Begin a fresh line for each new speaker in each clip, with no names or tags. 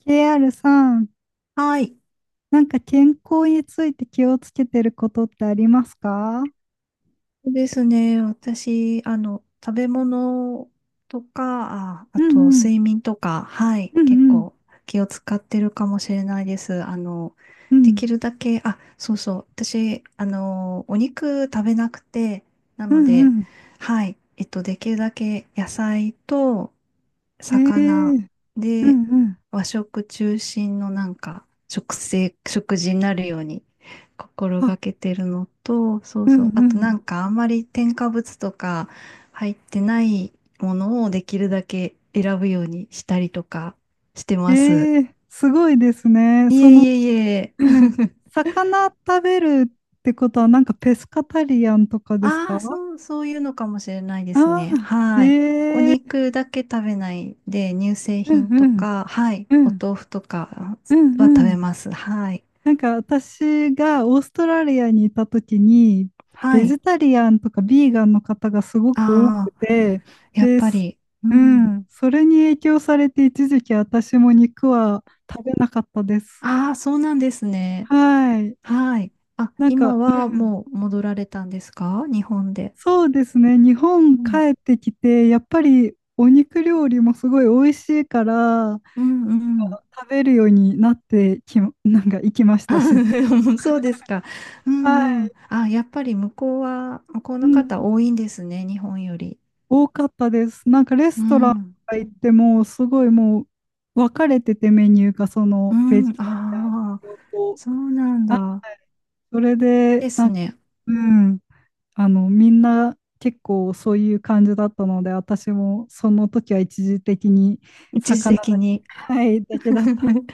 KR さん、
はい。
なんか健康について気をつけてることってありますか？
そうですね。私、食べ物とか、あ、あ
う
と
んうん、
睡眠とか、はい。
うん
結
うん、
構気を使ってるかもしれないです。
う
で
ん、
きるだけ、あ、そうそう。私、お肉食べなくて、な
う
の
んう
で、
ん。
はい。できるだけ野菜と
え
魚
えうんう
で
ん。
和食中心のなんか食事になるように心
あ、
がけてるのと、そう
う
そ
ん
う。あ
う
とな
ん。
んかあんまり添加物とか入ってないものをできるだけ選ぶようにしたりとかしてます。
ええ、すごいですね。
いえいえいえ。
魚食べるってことは、なんかペスカタリアンとかです
あ
か？
あ、そう、そういうのかもしれないです
あ
ね。
あー、
はい。お
ええ
肉だけ食べないで、乳製
う
品
んう
と
ん、
か、はい。
う
お
ん、
豆腐とか
うん
は
う
食べ
ん。
ます。はい。
なんか私がオーストラリアにいた時に
は
ベ
い。
ジタリアンとかビーガンの方がすごく多
あ
く
あ、
て
やっ
で
ぱ
す、
り。う
う
ん。
ん、それに影響されて一時期私も肉は食べなかったです。
ああ、そうなんですね。
はい。
はい。あ、
なん
今
か、う
は
ん、
もう戻られたんですか日本で？
そうですね。日
う
本
ん。
帰ってきて、やっぱりお肉料理もすごい美味しいから、
うんうん。
食べるようになってき、なんか行きまし
あ
たし。
そうですか。う
は
んうん。
い。
あ、やっぱり向こう
う
の方
ん、
多いんですね、日本より。
多かったです。なんかレ
う
ストランと
ん。
か行っても、すごいもう分かれててメニューがそ
う
のベ
ん。
ジタ
ああ、
リアン用と、
そうなん
あ
だ。
それで、
で
な
す
んか、
ね。
うん、あの、みんな結構そういう感じだったので、私もその時は一時的に
一時
魚
的
だ、
に。
はい、だけだった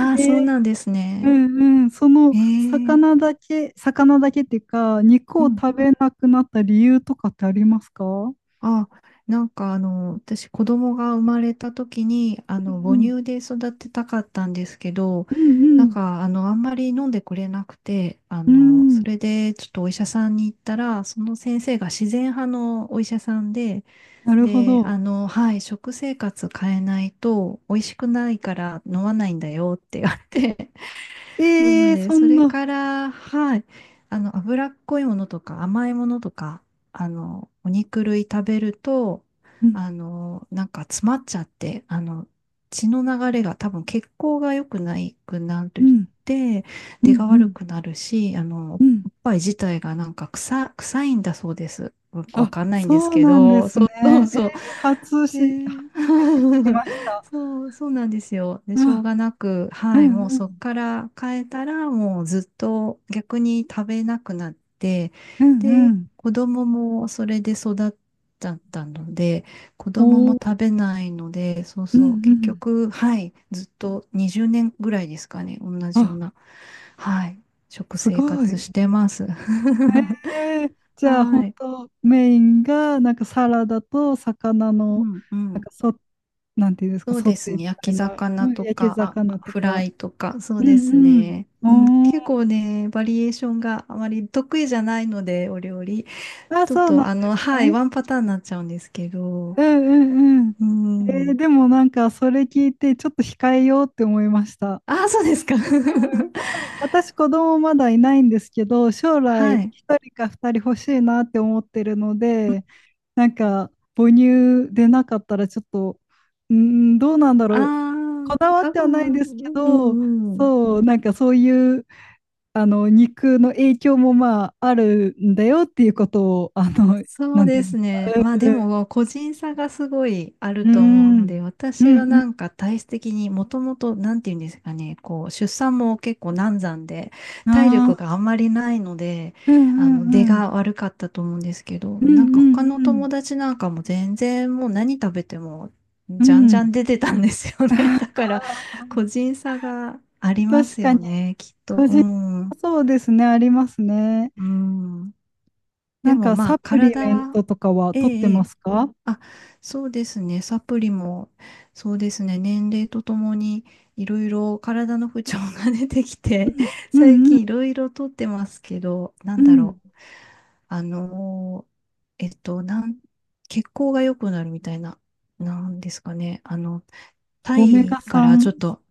ん
あ、
で、
そうなんですね。
うん、その
へえ。
魚だけっていうか、肉
う
を
ん。
食べなくなった理由とかってありますか？
あ、なんか私子供が生まれた時に、母
ん
乳で育てたかったんですけど、
うんうんう
なん
ん。
かあんまり飲んでくれなくて、
うん、
それでちょっとお医者さんに行ったら、その先生が自然派のお医者さんで、
なるほ
で、
ど。
はい、食生活変えないと美味しくないから飲まないんだよって言われて、な
え
の
え、
で、
そ
そ
ん
れ
な、
から、はい、脂っこいものとか甘いものとか、お肉類食べると、
うん、
なんか詰まっちゃって、血の流れが多分血行が良くないくなる
う
っ
ん、
て、
う
出
ん、
が
う
悪
ん、
くなるし、
うん。
おっぱい自体がなんか臭いんだそうです。よくわ
あ、
かんないんです
そう
け
なんで
ど、
す
そ
ね。
うそう
えー、
そう。
初
ねえ
めて聞きまし た。
そう、そうなんですよ。で、しょう
あ、
がなく、
う
はい、
ん、
もう
う
そっ
ん、
から変えたら、もうずっと逆に食べなくなって、
うん、
で、
うん。
子供もそれで育っちゃったので、子供も
おー、
食べないので、そう
うん、
そう、
う
結
ん。
局、はい、ずっと20年ぐらいですかね、同じよう
あ、
な、はい、食
す
生
ご
活
い。
してます。
えー、じゃあ、本
はい、
当メインが、なんかサラダと魚
う
の、
ん、う
なん
ん。
かそ、なんていうんですか、
そう
ソ
です
テーみ
ね。焼
た
き
いな、
魚
うん、
と
焼き
か、
魚
あ、
と
フラ
か。
イとか、そう
う
です
ん、
ね。
う
うん、
ん。お
結
ー、
構ね、バリエーションがあまり得意じゃないので、お料理。
あ、
ちょっ
そうなん
と、
です
はい、
ね。
ワンパターンになっちゃうんですけど。
うんうんうん。
う
えー、
ん。
でもなんかそれ聞いてちょっと控えようって思いました。
ああ、そうですか。
やっぱり私子供まだいないんですけど、将
は
来
い。
一人か二人欲しいなって思ってるので、なんか母乳でなかったらちょっと、うーん、どうなんだ
あ
ろう。
あ、
こだわっ
多
て
分、
はないですけ
う
ど、
んうん。
そう、なんかそういう、あの、肉の影響もまああるんだよっていうことを、
そう
なんて
で
いううん
す
で
ね。まあで
すか？
も個人差がすごいある
う
と思う
ん、う
の
ん、
で、私は
う
な
ん
んか体質的にもともと、なんていうんですかね、こう出産も結構難産で、
う
体
ん、
力
あ
が
あ。
あんまりないので、
うんう
出
んうん。
が悪かったと思うんですけど、
う
なん
ん
か他の
うん
友達なんかも全然もう何食べても
うん。
じゃん
う
じゃ
ん。
ん出てたんですよね。だ から
あ
個人差があ
ー、
りま
確
す
か
よ
に。
ね、きっと。うん。
そうですね、ありますね。
うん。
な
で
ん
も
か
まあ
サプリ
体
メン
は、
トとかは
え
取って
ええ
ま
え
すか？
あ、そうですね。サプリも、そうですね。年齢とともにいろいろ体の不調が出てきて、
う
最
んうん
近いろいろとってますけど、な
う
んだろ
ん。
う。あのーえっと、なん、血行が良くなるみたいな、なんですかね。タ
オメ
イ
ガ
からち
3
ょっと、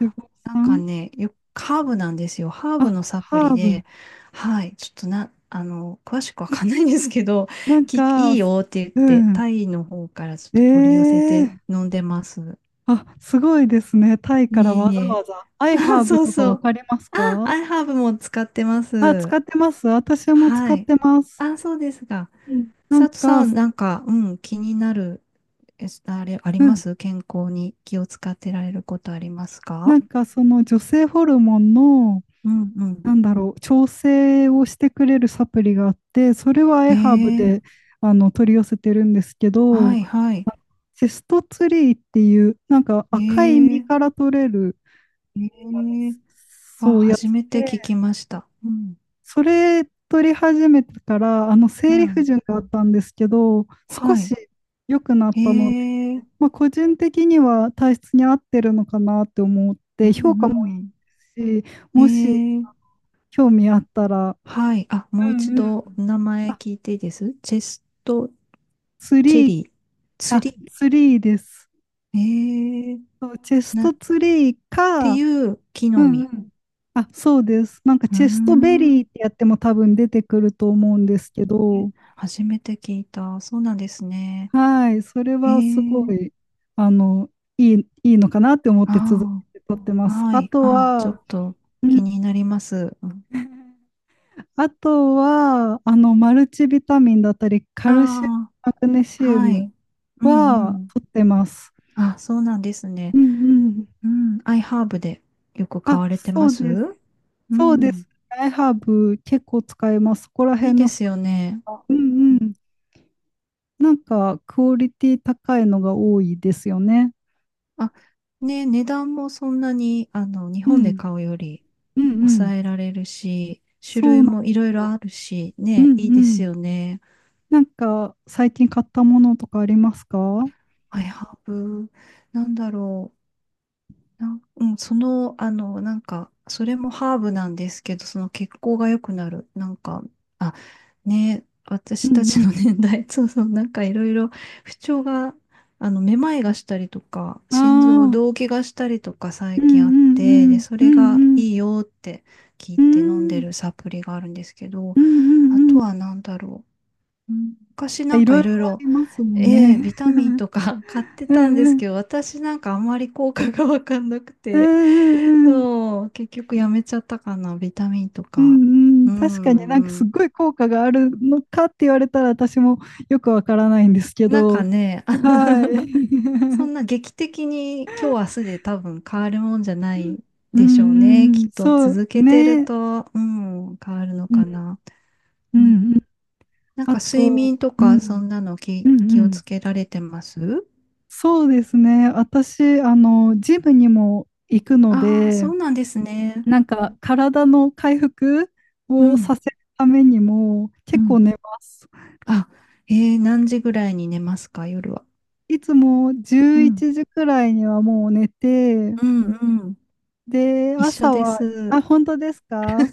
脂肪
なんか
酸。
ね、ハーブなんですよ。ハーブの
あ、
サプ
ハ
リ
ーブ。
で、はい、ちょっと詳しくわかんないんですけど、
な んか、
いいよって言っ
う
て、
ん。
タイの方からちょっ
え
と取り寄せて
え
飲んでます。
あ、すごいですね。タイか
い
ら
え
わ
い
ざ
え。
わざ。アイ ハ
あ、
ーブ
そう
とか
そ
わ
う。
かります
あ、
か？
アイハーブも使ってま
あ、使
す。
ってます。私も
は
使っ
い。
てます。
あ、そうですが。
うん。なん
佐藤さ
か、
ん、なんか、うん、気になる、えあれ、あり
う
ま
ん。
す健康に気を使ってられることあります
な
か？
んかその女性ホルモンの、
うんうん。
なんだろう、調整をしてくれるサプリがあって、それはエハーブ
え
で
え
あの取り寄せてるんですけ
は
ど、
いはい。
セストツリーっていう、なんか
え
赤い実か
え
ら取れる、
ええあ、
そうや
初
つ
めて
で、
聞きました。うん、
それ取り始めてから、あの
う
生理不
ん、
順があったんですけど、少
はい。
し良くなっ
え
たので、
え
まあ、個人的には体質に合ってるのかなって思っ
う
て、評価も
んうん。
いいし、もし
ええ
興味あったら。
はい。あ、もう
う
一
んうん。
度名前
あ、
聞いていいですチェスト？
ツ
チェ
リー、
リー、ツ
あ、
リ
ツリーです。
ー。ええ
そう、チェス
な、
ト
っ
ツリー
て
か。
いう木
う
の
んう
実。
ん。あ、そうです。なんか
うー
チェストベ
ん。
リーってやっても多分出てくると思うんですけ
え
ど、
初めて聞いた。そうなんですね。
はい、それ
え
はすご
え
い、あの、いいのかなって思って続
あ
けて撮ってま
あ、
す。
は
あ
い。
と
あ、ちょっ
は、
と
う
気
ん、
になります。
あとは、あの、マルチビタミンだったり、カ
あ
ルシウム、
あ、
マグネシウ
は
ム
い。うんう
は
ん。
取ってます。
あ、そうなんですね。
うんうん。
うん。アイハーブでよく買
あ、
われて
そ
ま
う
す？
です。
う
そうで
ん。
す。アイハーブ結構使えます。そこら
いい
辺
で
のさ、
すよね。
う
う
んう
ん
ん。なんかクオリティ高いのが多いですよね。
あ、ね、値段もそんなに、日
う
本で
ん。
買うより
うんうん。
抑えられるし、種
そ
類
うなんで
もいろい
す
ろ
よ。
あるし、
うん
ね、いいで
う
す
ん。
よね。
なんか最近買ったものとかありますか？う
アイハーブ、なんだろう。なんうん、その、なんか、それもハーブなんですけど、その血行が良くなる。なんか、あ、ね、私たち
ん
の年代、そうそう、なんかいろいろ不調が、めまいがしたりとか、
う
心臓
ん。ああ。
動悸がしたりとか
う
最
んうん
近あっ
う
て、で、
ん。
そ
う
れ
ん
が
うん。
いいよって聞い
う
て飲んで
ん
るサプリがあるんですけど、
うんうんう
あ
ん。な
と
ん
はなんだろう。うん昔
か
な
い
んか
ろい
い
ろあ
ろいろ、
りますもん
A、
ね。
ビタミンとか 買って
う
たんで
んう
す
ん。
けど、私なんかあんまり効果がわかんなく
うん
て、
うんうん。
そう、結局やめちゃったかな、ビタミンと
う
か。
んう
う
ん、確かになんか
んう
すっ
ん。
ごい効果があるのかって言われたら私もよくわからないんですけ
なんか
ど、
ね、あの
はい。
そ んな劇的に今日明日で多分変わるもんじゃない
う
でしょうね。
んう
き
ん、
っと
そう
続けてる
ね。
と、うん、変わるの
うん
かな。
う
うん、
んうん。
なん
あ
か睡
と、
眠と
う
かそ
ん、
んなの
うん
気
う
を
ん。
つけられてます？
そうですね。私、あの、ジムにも行くの
ああー、
で、
そうなんですね。
なんか体の回復
う
を
ん、
させるためにも
う
結構
ん。
寝ます。
あ、えー、何時ぐらいに寝ますか、夜は。
いつも
う
11
ん、
時くらいにはもう寝て、
うん、うん。
で、
一緒
朝
で
は、あ、
す。
本当ですか？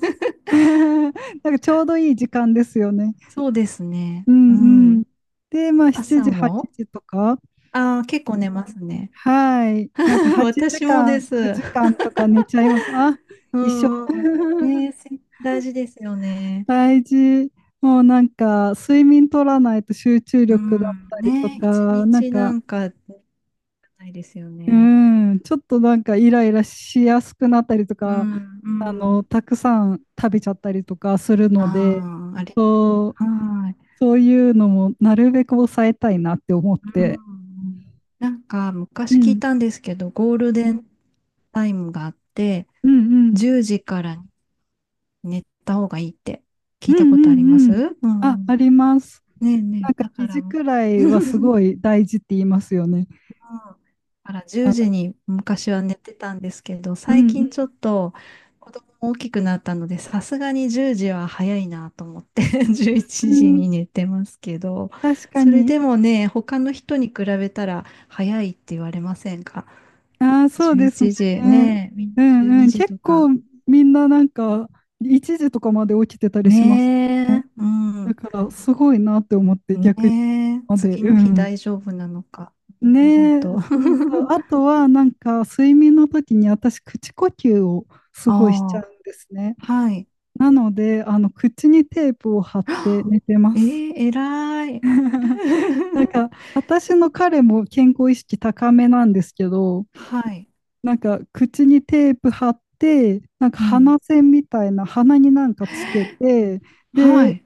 なんかちょうどいい時間ですよね。
そうですね。
う
う
んうん。
ん。
で、まあ7
朝
時、8
も
時とか。
ああー、結構寝ますね。
はい。なんか 8
私も
時
で
間、
す。
9時間とか寝ちゃいます。あ、
う
一緒。
ん、うん。ねえ、大事ですよね。
大事。もうなんか睡眠取らないと集中
う
力だっ
ん。
たりと
ねえ、一
か、なん
日な
か、
んかないですよ
う
ね。
ん、ちょっとなんかイライラしやすくなったりと
う
か、
ん、う
あの、
ん。
たくさん食べちゃったりとかするので、
ああ、あれ。
そう、
はい。
そういうのもなるべく抑えたいなって思っ
う
て。
んなんか
う
昔聞い
ん、
たんですけど、ゴールデンタイムがあって、
うん、うん、
10時から寝た方がいいって
う
聞い
ん、
たこと
う
ありま
んう
す？
ん。
う
あ、
ん。
あります。
ねえね
なん
え、
か
だから、
肘
うん。
くら
だ
いはすごい大事って言いますよね。
から
あ
10
の、
時に昔は寝てたんですけど、
う
最
ん、
近ちょっと子供も大きくなったので、さすがに10時は早いなと思って11
う
時
ん、うん、
に寝てますけど、
確か
それ
に。
でもね、他の人に比べたら早いって言われませんか？
ああ、そう
11
ですね。
時ねえ、みんな
う
12
ん、うん、
時
結
と
構
か。
みんななんか一時とかまで起きてたりします。
ねえ、う
だ
ん。
からすごいなって思って
ね
逆に
え、
まで、
次
う
の日
ん。
大丈夫なのか。ねえ、本
ねえ、
当。
そうそう。あ とはなんか睡眠の時に私口呼吸をすごいしちゃう
あ
んですね。
あ、はい。
なので、あの口にテープを貼って寝て ま
え
す。
え、偉い。
なんか 私の彼も健康意識高めなんですけど、
はい。
なんか口にテープ貼って、なんか
うん。
鼻栓みたいな鼻になんかつけて、
は
で、
い。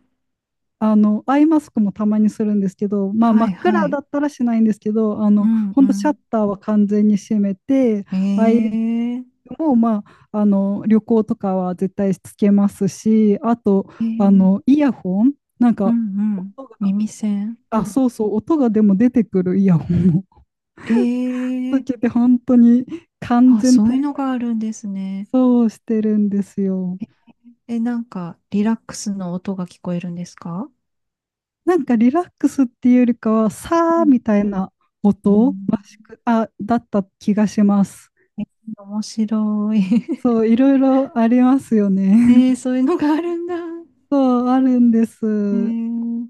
あの、アイマスクもたまにするんですけど、まあ、真
はい、
っ
は
暗
い。
だったらしないんですけど、あ
う
の、
ん、う
本当シャッ
ん。
ターは完全に閉めて、ア
え
イ
え、
も、まあ、あの、旅行とかは絶対つけますし、あと、
え
あ
え、
の、イヤホン、なん
うん、
か、
うん。
音が、
耳栓。う
あ、
ん。
そうそう、音がでも出てくるイヤホンを
え
つ
え、
けて、本当に完
あ、
全
そう
体
いうのがあるんですね。
操をしてるんですよ。
え、なんか、リラックスの音が聞こえるんですか？
なんかリラックスっていうよりかは、
う
さー
ん。
みたいな
う
音らし
ん
く、あ、だった気がします。
え面白い。
そ う、いろいろありますよね。
えーそういうのがあるんだ。
そう、あるんで
え
す。
ー